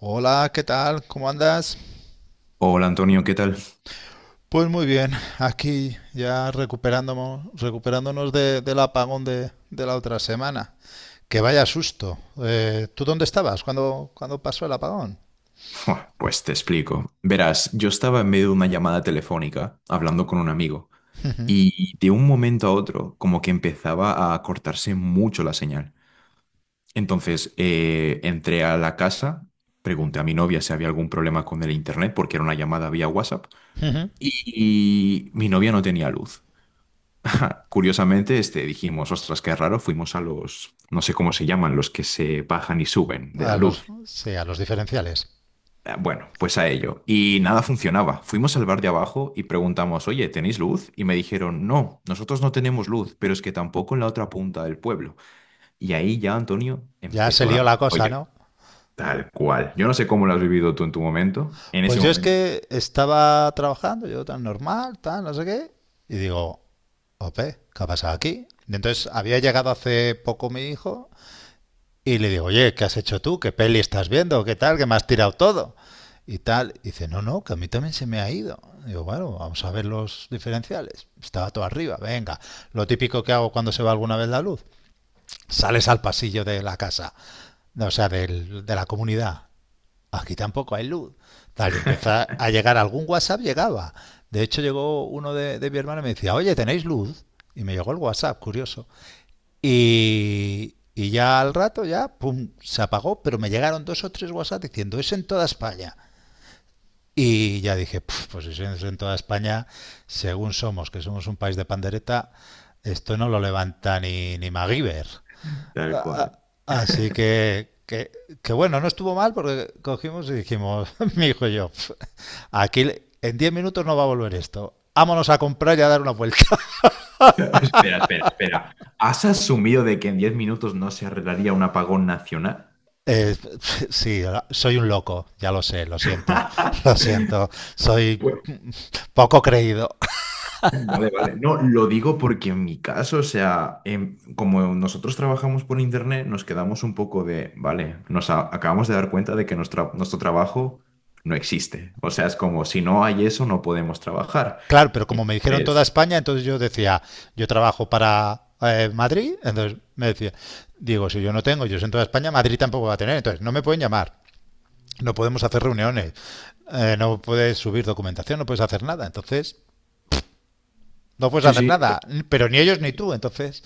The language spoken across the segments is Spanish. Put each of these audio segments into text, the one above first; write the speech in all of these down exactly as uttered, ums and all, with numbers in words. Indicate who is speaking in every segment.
Speaker 1: Hola, ¿qué tal? ¿Cómo andas?
Speaker 2: Hola Antonio, ¿qué tal?
Speaker 1: Pues muy bien, aquí ya recuperándonos, recuperándonos de- del apagón de, de la otra semana. Que vaya susto. Eh, ¿tú dónde estabas cuando, cuando pasó el apagón?
Speaker 2: Buah, pues te explico. Verás, yo estaba en medio de una llamada telefónica hablando con un amigo y de un momento a otro como que empezaba a cortarse mucho la señal. Entonces eh, entré a la casa, pregunté a mi novia si había algún problema con el internet porque era una llamada vía WhatsApp y, y mi novia no tenía luz. Curiosamente, este, dijimos, ostras, qué raro, fuimos a los, no sé cómo se llaman, los que se bajan y suben de la
Speaker 1: A
Speaker 2: luz.
Speaker 1: los, sí, a los diferenciales.
Speaker 2: Eh, Bueno, pues a ello. Y nada funcionaba. Fuimos al bar de abajo y preguntamos, oye, ¿tenéis luz? Y me dijeron, no, nosotros no tenemos luz, pero es que tampoco en la otra punta del pueblo. Y ahí ya, Antonio,
Speaker 1: Ya se
Speaker 2: empezó la.
Speaker 1: lió la cosa,
Speaker 2: Oye,
Speaker 1: ¿no?
Speaker 2: tal cual. Yo no sé cómo lo has vivido tú en tu momento, en ese
Speaker 1: Pues yo es
Speaker 2: momento.
Speaker 1: que estaba trabajando, yo tan normal, tan no sé qué, y digo, ope, ¿qué ha pasado aquí? Y entonces había llegado hace poco mi hijo. Y le digo, oye, ¿qué has hecho tú? ¿Qué peli estás viendo? ¿Qué tal? ¿Qué me has tirado todo? Y tal. Y dice, no, no, que a mí también se me ha ido. Y digo, bueno, vamos a ver los diferenciales. Estaba todo arriba, venga. Lo típico que hago cuando se va alguna vez la luz. Sales al pasillo de la casa, o sea, del- de la comunidad. Aquí tampoco hay luz. Tal, y empieza a llegar algún WhatsApp, llegaba. De hecho, llegó uno de, de mi hermana y me decía, oye, ¿tenéis luz? Y me llegó el WhatsApp, curioso. Y, y ya al rato, ya, pum, se apagó, pero me llegaron dos o tres WhatsApp diciendo, es en toda España. Y ya dije, pues si es en toda España, según somos, que somos un país de pandereta, esto no lo levanta ni, ni MacGyver.
Speaker 2: Tal
Speaker 1: A-
Speaker 2: cual.
Speaker 1: Así que, que, que bueno, no estuvo mal porque cogimos y dijimos, mi hijo y yo: "Pf, aquí le- en diez minutos no va a volver esto. Vámonos a comprar y a dar una vuelta."
Speaker 2: Espera, espera, espera. ¿Has asumido de que en diez minutos no se arreglaría un apagón nacional?
Speaker 1: Eh, sí, soy un loco, ya lo sé, lo siento, lo siento, soy
Speaker 2: Bueno,
Speaker 1: poco creído.
Speaker 2: vale, vale. No, lo digo porque en mi caso, o sea, em, como nosotros trabajamos por internet, nos quedamos un poco de, vale, nos a- acabamos de dar cuenta de que nuestra- nuestro trabajo no existe. O sea, es como, si no hay eso, no podemos trabajar.
Speaker 1: Claro, pero como me dijeron toda
Speaker 2: Entonces,
Speaker 1: España, entonces yo decía, yo trabajo para eh, Madrid, entonces me decía, digo, si yo no tengo, yo soy en toda España, Madrid tampoco va a tener, entonces no me pueden llamar, no podemos hacer reuniones, eh, no puedes subir documentación, no puedes hacer nada, entonces no puedes
Speaker 2: sí,
Speaker 1: hacer
Speaker 2: sí,
Speaker 1: nada, pero ni
Speaker 2: sí,
Speaker 1: ellos ni
Speaker 2: sí.
Speaker 1: tú. Entonces,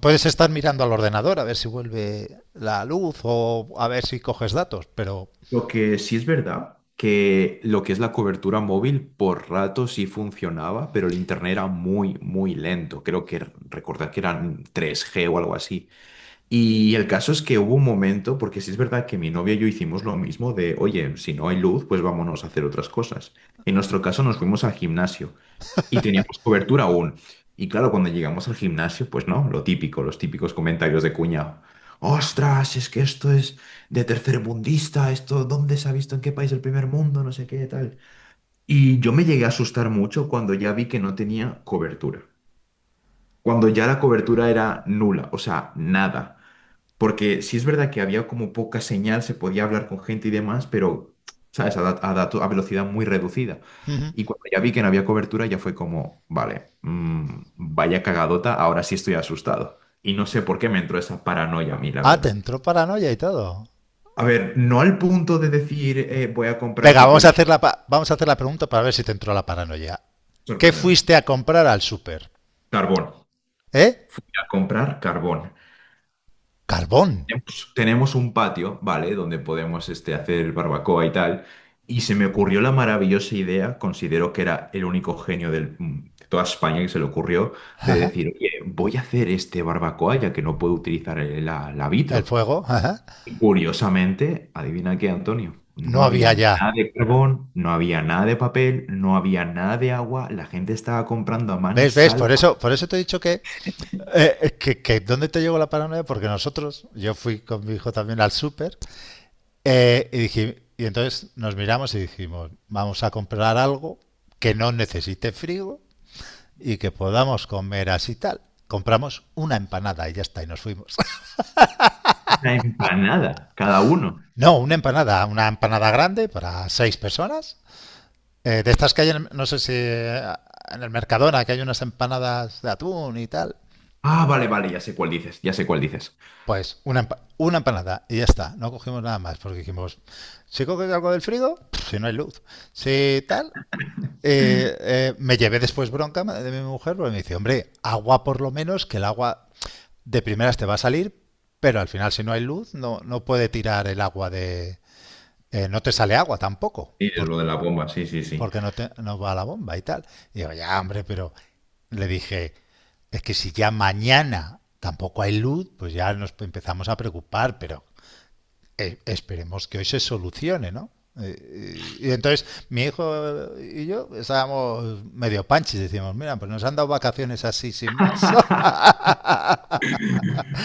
Speaker 1: puedes estar mirando al ordenador a ver si vuelve la luz o a ver si coges datos, pero...
Speaker 2: Lo que sí es verdad, que lo que es la cobertura móvil por rato sí funcionaba, pero el internet era muy, muy lento. Creo que recordar que eran tres g o algo así. Y el caso es que hubo un momento, porque sí es verdad que mi novia y yo hicimos lo mismo de, oye, si no hay luz, pues vámonos a hacer otras cosas. En nuestro caso nos fuimos al gimnasio y teníamos cobertura aún. Y claro, cuando llegamos al gimnasio, pues no, lo típico, los típicos comentarios de cuñado. Ostras, es que esto es de tercermundista, esto, ¿dónde se ha visto en qué país del primer mundo? No sé qué, tal. Y yo me llegué a asustar mucho cuando ya vi que no tenía cobertura. Cuando ya la cobertura era nula, o sea, nada. Porque sí es verdad que había como poca señal, se podía hablar con gente y demás, pero, ¿sabes? A, da- a dato- a velocidad muy reducida. Y cuando ya vi que no había cobertura, ya fue como, vale, mm, vaya cagadota, ahora sí estoy asustado. Y no sé por qué me entró esa paranoia a mí, la
Speaker 1: Ah, te
Speaker 2: verdad.
Speaker 1: entró paranoia y todo.
Speaker 2: A ver, no al punto de decir, eh, voy a comprar
Speaker 1: Venga, vamos
Speaker 2: papel.
Speaker 1: a
Speaker 2: hig-
Speaker 1: hacer la, pa- vamos a hacer la pregunta para ver si te entró la paranoia. ¿Qué
Speaker 2: Sorpréndeme.
Speaker 1: fuiste a comprar al súper?
Speaker 2: Carbón. Voy
Speaker 1: ¿Eh?
Speaker 2: a comprar carbón.
Speaker 1: Carbón.
Speaker 2: Tenemos tenemos un patio, ¿vale? Donde podemos este, hacer barbacoa y tal. Y se me ocurrió la maravillosa idea, considero que era el único genio del- mm, de toda España que se le ocurrió, de decir, oye, voy a hacer este barbacoa ya que no puedo utilizar el- la, la
Speaker 1: El
Speaker 2: vitro.
Speaker 1: fuego.
Speaker 2: Y curiosamente, adivina qué, Antonio, no
Speaker 1: No había
Speaker 2: había nada
Speaker 1: ya.
Speaker 2: de carbón, no había nada de papel, no había nada de agua, la gente estaba comprando a
Speaker 1: ¿Ves? ¿Ves? Por
Speaker 2: mansalva
Speaker 1: eso, por eso te he dicho que, eh, que, que ¿dónde te llegó la paranoia? Porque nosotros, yo fui con mi hijo también al súper, eh, y dije, y entonces nos miramos y dijimos, vamos a comprar algo que no necesite frío y que podamos comer así tal. Compramos una empanada y ya está, y nos fuimos.
Speaker 2: una empanada, cada uno.
Speaker 1: No, una empanada, una empanada grande para seis personas. Eh, de estas que hay, en- no sé si eh, en el Mercadona, que hay unas empanadas de atún y tal.
Speaker 2: Ah, vale, vale, ya sé cuál dices, ya sé cuál dices.
Speaker 1: Pues una, empa- una empanada y ya está. No cogimos nada más porque dijimos, si coges algo del frigo, pff, si no hay luz, si tal. eh, eh, me llevé después bronca de mi mujer porque me dice, hombre, agua por lo menos, que el agua de primeras te va a salir, pero al final si no hay luz no, no puede tirar el agua de... eh, no te sale agua tampoco,
Speaker 2: Sí,
Speaker 1: por-
Speaker 2: lo de la bomba, sí, sí, sí.
Speaker 1: porque no, te, no va la bomba y tal. Y digo, ya hombre, pero le dije, es que si ya mañana tampoco hay luz, pues ya nos empezamos a preocupar, pero eh, esperemos que hoy se solucione, ¿no? Eh, Y, y entonces mi hijo y yo estábamos medio panchis, decimos, mira, pues nos han dado vacaciones así sin más.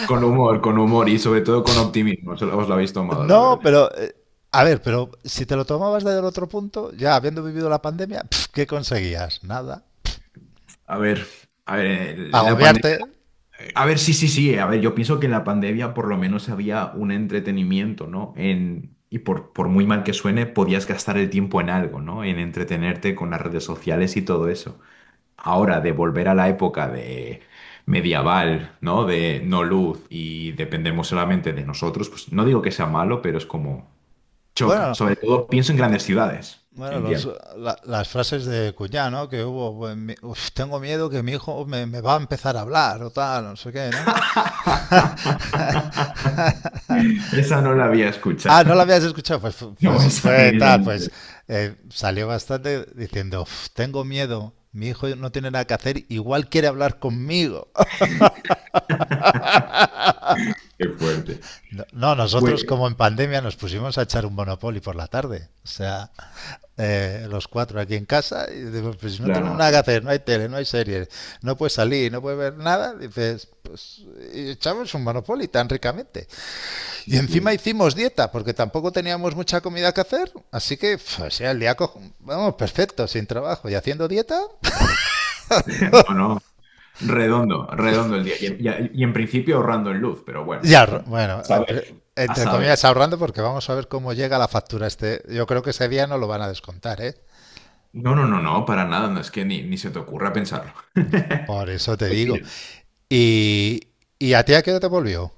Speaker 2: Con humor, con humor y sobre todo con optimismo. Se os lo habéis tomado, la
Speaker 1: No,
Speaker 2: verdad.
Speaker 1: pero eh, a ver, pero si te lo tomabas desde el otro punto, ya habiendo vivido la pandemia, pf, ¿qué conseguías? Nada.
Speaker 2: A ver, a ver, eh, la pandemia.
Speaker 1: Agobiarte.
Speaker 2: A ver, sí, sí, sí. eh, A ver, yo pienso que en la pandemia por lo menos había un entretenimiento, ¿no? En, y por, por muy mal que suene, podías gastar el tiempo en algo, ¿no? En entretenerte con las redes sociales y todo eso. Ahora, de volver a la época de medieval, ¿no? De no luz y dependemos solamente de nosotros, pues no digo que sea malo, pero es como. Choca.
Speaker 1: Bueno,
Speaker 2: Sobre todo pienso en grandes ciudades.
Speaker 1: bueno, los,
Speaker 2: Entiendo.
Speaker 1: la- las frases de Cuñá, ¿no? Que hubo, bueno, mi- "Uf, tengo miedo que mi hijo me, me va a empezar a hablar o tal, no sé qué, ¿no?"
Speaker 2: Esa no la había escuchado.
Speaker 1: Ah, no la habías escuchado, pues, fu-
Speaker 2: No,
Speaker 1: pues
Speaker 2: esa
Speaker 1: fue tal, pues
Speaker 2: precisamente.
Speaker 1: eh, salió bastante diciendo: "Uf, tengo miedo, mi hijo no tiene nada que hacer, igual quiere hablar conmigo."
Speaker 2: Qué fuerte.
Speaker 1: No, no,
Speaker 2: Pues,
Speaker 1: nosotros como en pandemia nos pusimos a echar un Monopoly por la tarde. O sea, eh, los cuatro aquí en casa, y digo, pues si no tenemos nada
Speaker 2: planazo.
Speaker 1: que hacer, no hay tele, no hay series, no puedes salir, no puedes ver nada, dices, pues y echamos un Monopoly tan ricamente.
Speaker 2: Sí,
Speaker 1: Y encima
Speaker 2: sí.
Speaker 1: hicimos dieta, porque tampoco teníamos mucha comida que hacer, así que, pues, o sea, el día, cojo- vamos, perfecto, sin trabajo y haciendo dieta.
Speaker 2: No, no. Redondo, redondo el día. Y, en- y a- y en principio ahorrando en luz, pero bueno,
Speaker 1: Ya, bueno,
Speaker 2: Saber. A
Speaker 1: entre comillas
Speaker 2: saber.
Speaker 1: ahorrando porque vamos a ver cómo llega la factura este. Yo creo que ese día no lo van a descontar, ¿eh?
Speaker 2: No, no, no, no, para nada. No es que ni, ni se te ocurra pensarlo.
Speaker 1: Por eso te
Speaker 2: Pues
Speaker 1: digo.
Speaker 2: mira,
Speaker 1: ¿Y, y a ti a qué hora te volvió?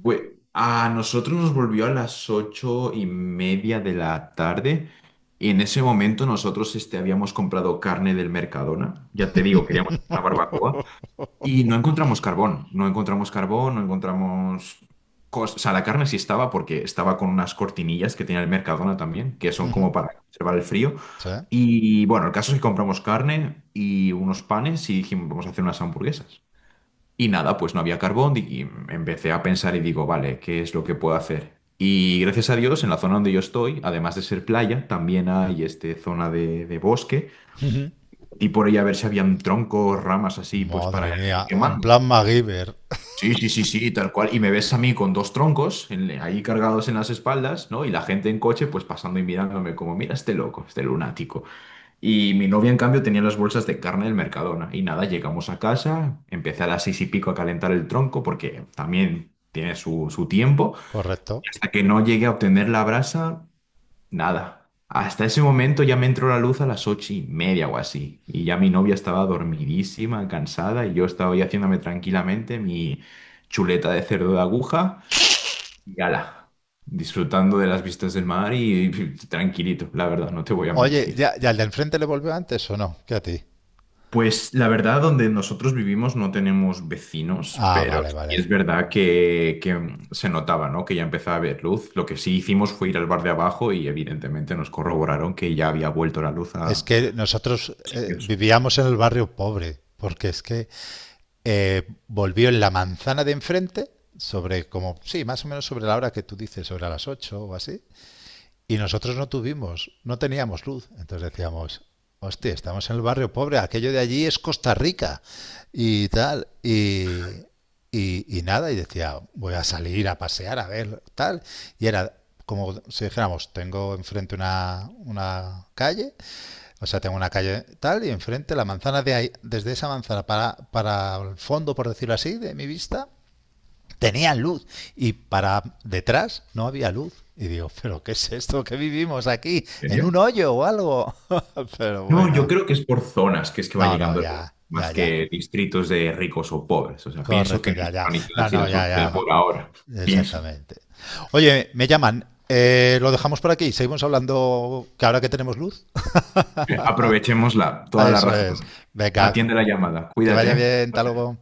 Speaker 2: pues a nosotros nos volvió a las ocho y media de la tarde y en ese momento nosotros este, habíamos comprado carne del Mercadona, ya te digo, queríamos una barbacoa y no encontramos carbón, no encontramos carbón, no encontramos... cos- O sea, la carne sí estaba porque estaba con unas cortinillas que tenía el Mercadona también, que son
Speaker 1: Ujú.
Speaker 2: como para conservar el frío.
Speaker 1: ¿Sí?
Speaker 2: Y bueno, el caso es que compramos carne y unos panes y dijimos, vamos a hacer unas hamburguesas. Y nada, pues no había carbón y empecé a pensar y digo, vale, ¿qué es lo que puedo hacer? Y gracias a Dios, en la zona donde yo estoy, además de ser playa, también hay este zona de, de bosque
Speaker 1: Ujú.
Speaker 2: y por ahí a ver si habían troncos, ramas así, pues para
Speaker 1: Madre
Speaker 2: ir
Speaker 1: mía, en
Speaker 2: quemando.
Speaker 1: plan MacGyver.
Speaker 2: Sí, sí, sí, sí, tal cual. Y me ves a mí con dos troncos en- ahí cargados en las espaldas, ¿no? Y la gente en coche, pues pasando y mirándome como, mira este loco, este lunático. Y mi novia, en cambio, tenía las bolsas de carne del Mercadona. Y nada, llegamos a casa, empecé a las seis y pico a calentar el tronco porque también tiene su, su tiempo.
Speaker 1: Correcto.
Speaker 2: Y hasta que no llegué a obtener la brasa, nada. Hasta ese momento ya me entró la luz a las ocho y media o así. Y ya mi novia estaba dormidísima, cansada, y yo estaba ahí haciéndome tranquilamente mi chuleta de cerdo de aguja y ala, disfrutando de las vistas del mar y y tranquilito, la verdad, no te voy a
Speaker 1: Oye,
Speaker 2: mentir.
Speaker 1: ¿ya, ya al de enfrente le volvió antes o no? ¿Qué a ti?
Speaker 2: Pues la verdad, donde nosotros vivimos no tenemos vecinos,
Speaker 1: Ah,
Speaker 2: pero
Speaker 1: vale,
Speaker 2: sí es
Speaker 1: vale.
Speaker 2: verdad que, que mm, se notaba, ¿no? Que ya empezaba a haber luz. Lo que sí hicimos fue ir al bar de abajo y evidentemente nos corroboraron que ya había vuelto la luz
Speaker 1: Es
Speaker 2: a
Speaker 1: que nosotros eh,
Speaker 2: sitios.
Speaker 1: vivíamos en el barrio pobre, porque es que eh, volvió en la manzana de enfrente, sobre como, sí, más o menos sobre la hora que tú dices, sobre las ocho o así, y nosotros no tuvimos, no teníamos luz. Entonces decíamos, hostia, estamos en el barrio pobre, aquello de allí es Costa Rica y tal. Y, y, y nada, y decía, voy a salir a pasear, a ver, tal. Y era como si dijéramos, tengo enfrente una, una calle, o sea, tengo una calle tal, y enfrente la manzana de ahí, desde esa manzana para, para el fondo, por decirlo así, de mi vista, tenían luz y para detrás no había luz. Y digo, pero ¿qué es esto que vivimos
Speaker 2: ¿En
Speaker 1: aquí? ¿En
Speaker 2: serio?
Speaker 1: un hoyo o algo? Pero
Speaker 2: No, yo
Speaker 1: bueno.
Speaker 2: creo que es por zonas que es que va
Speaker 1: No, no,
Speaker 2: llegando
Speaker 1: ya,
Speaker 2: más
Speaker 1: ya, ya.
Speaker 2: que distritos de ricos o pobres. O sea, pienso
Speaker 1: Correcto,
Speaker 2: que no
Speaker 1: ya,
Speaker 2: está
Speaker 1: ya.
Speaker 2: organizada
Speaker 1: No,
Speaker 2: así
Speaker 1: no,
Speaker 2: la
Speaker 1: ya,
Speaker 2: sociedad
Speaker 1: ya.
Speaker 2: por ahora. Pienso.
Speaker 1: Exactamente. Oye, me llaman. Eh, lo dejamos por aquí. Seguimos hablando que ahora que tenemos luz.
Speaker 2: Aprovechémosla,
Speaker 1: Ah,
Speaker 2: toda la
Speaker 1: eso es.
Speaker 2: razón.
Speaker 1: Venga,
Speaker 2: Atiende la llamada.
Speaker 1: que vaya
Speaker 2: Cuídate.
Speaker 1: bien. Hasta luego.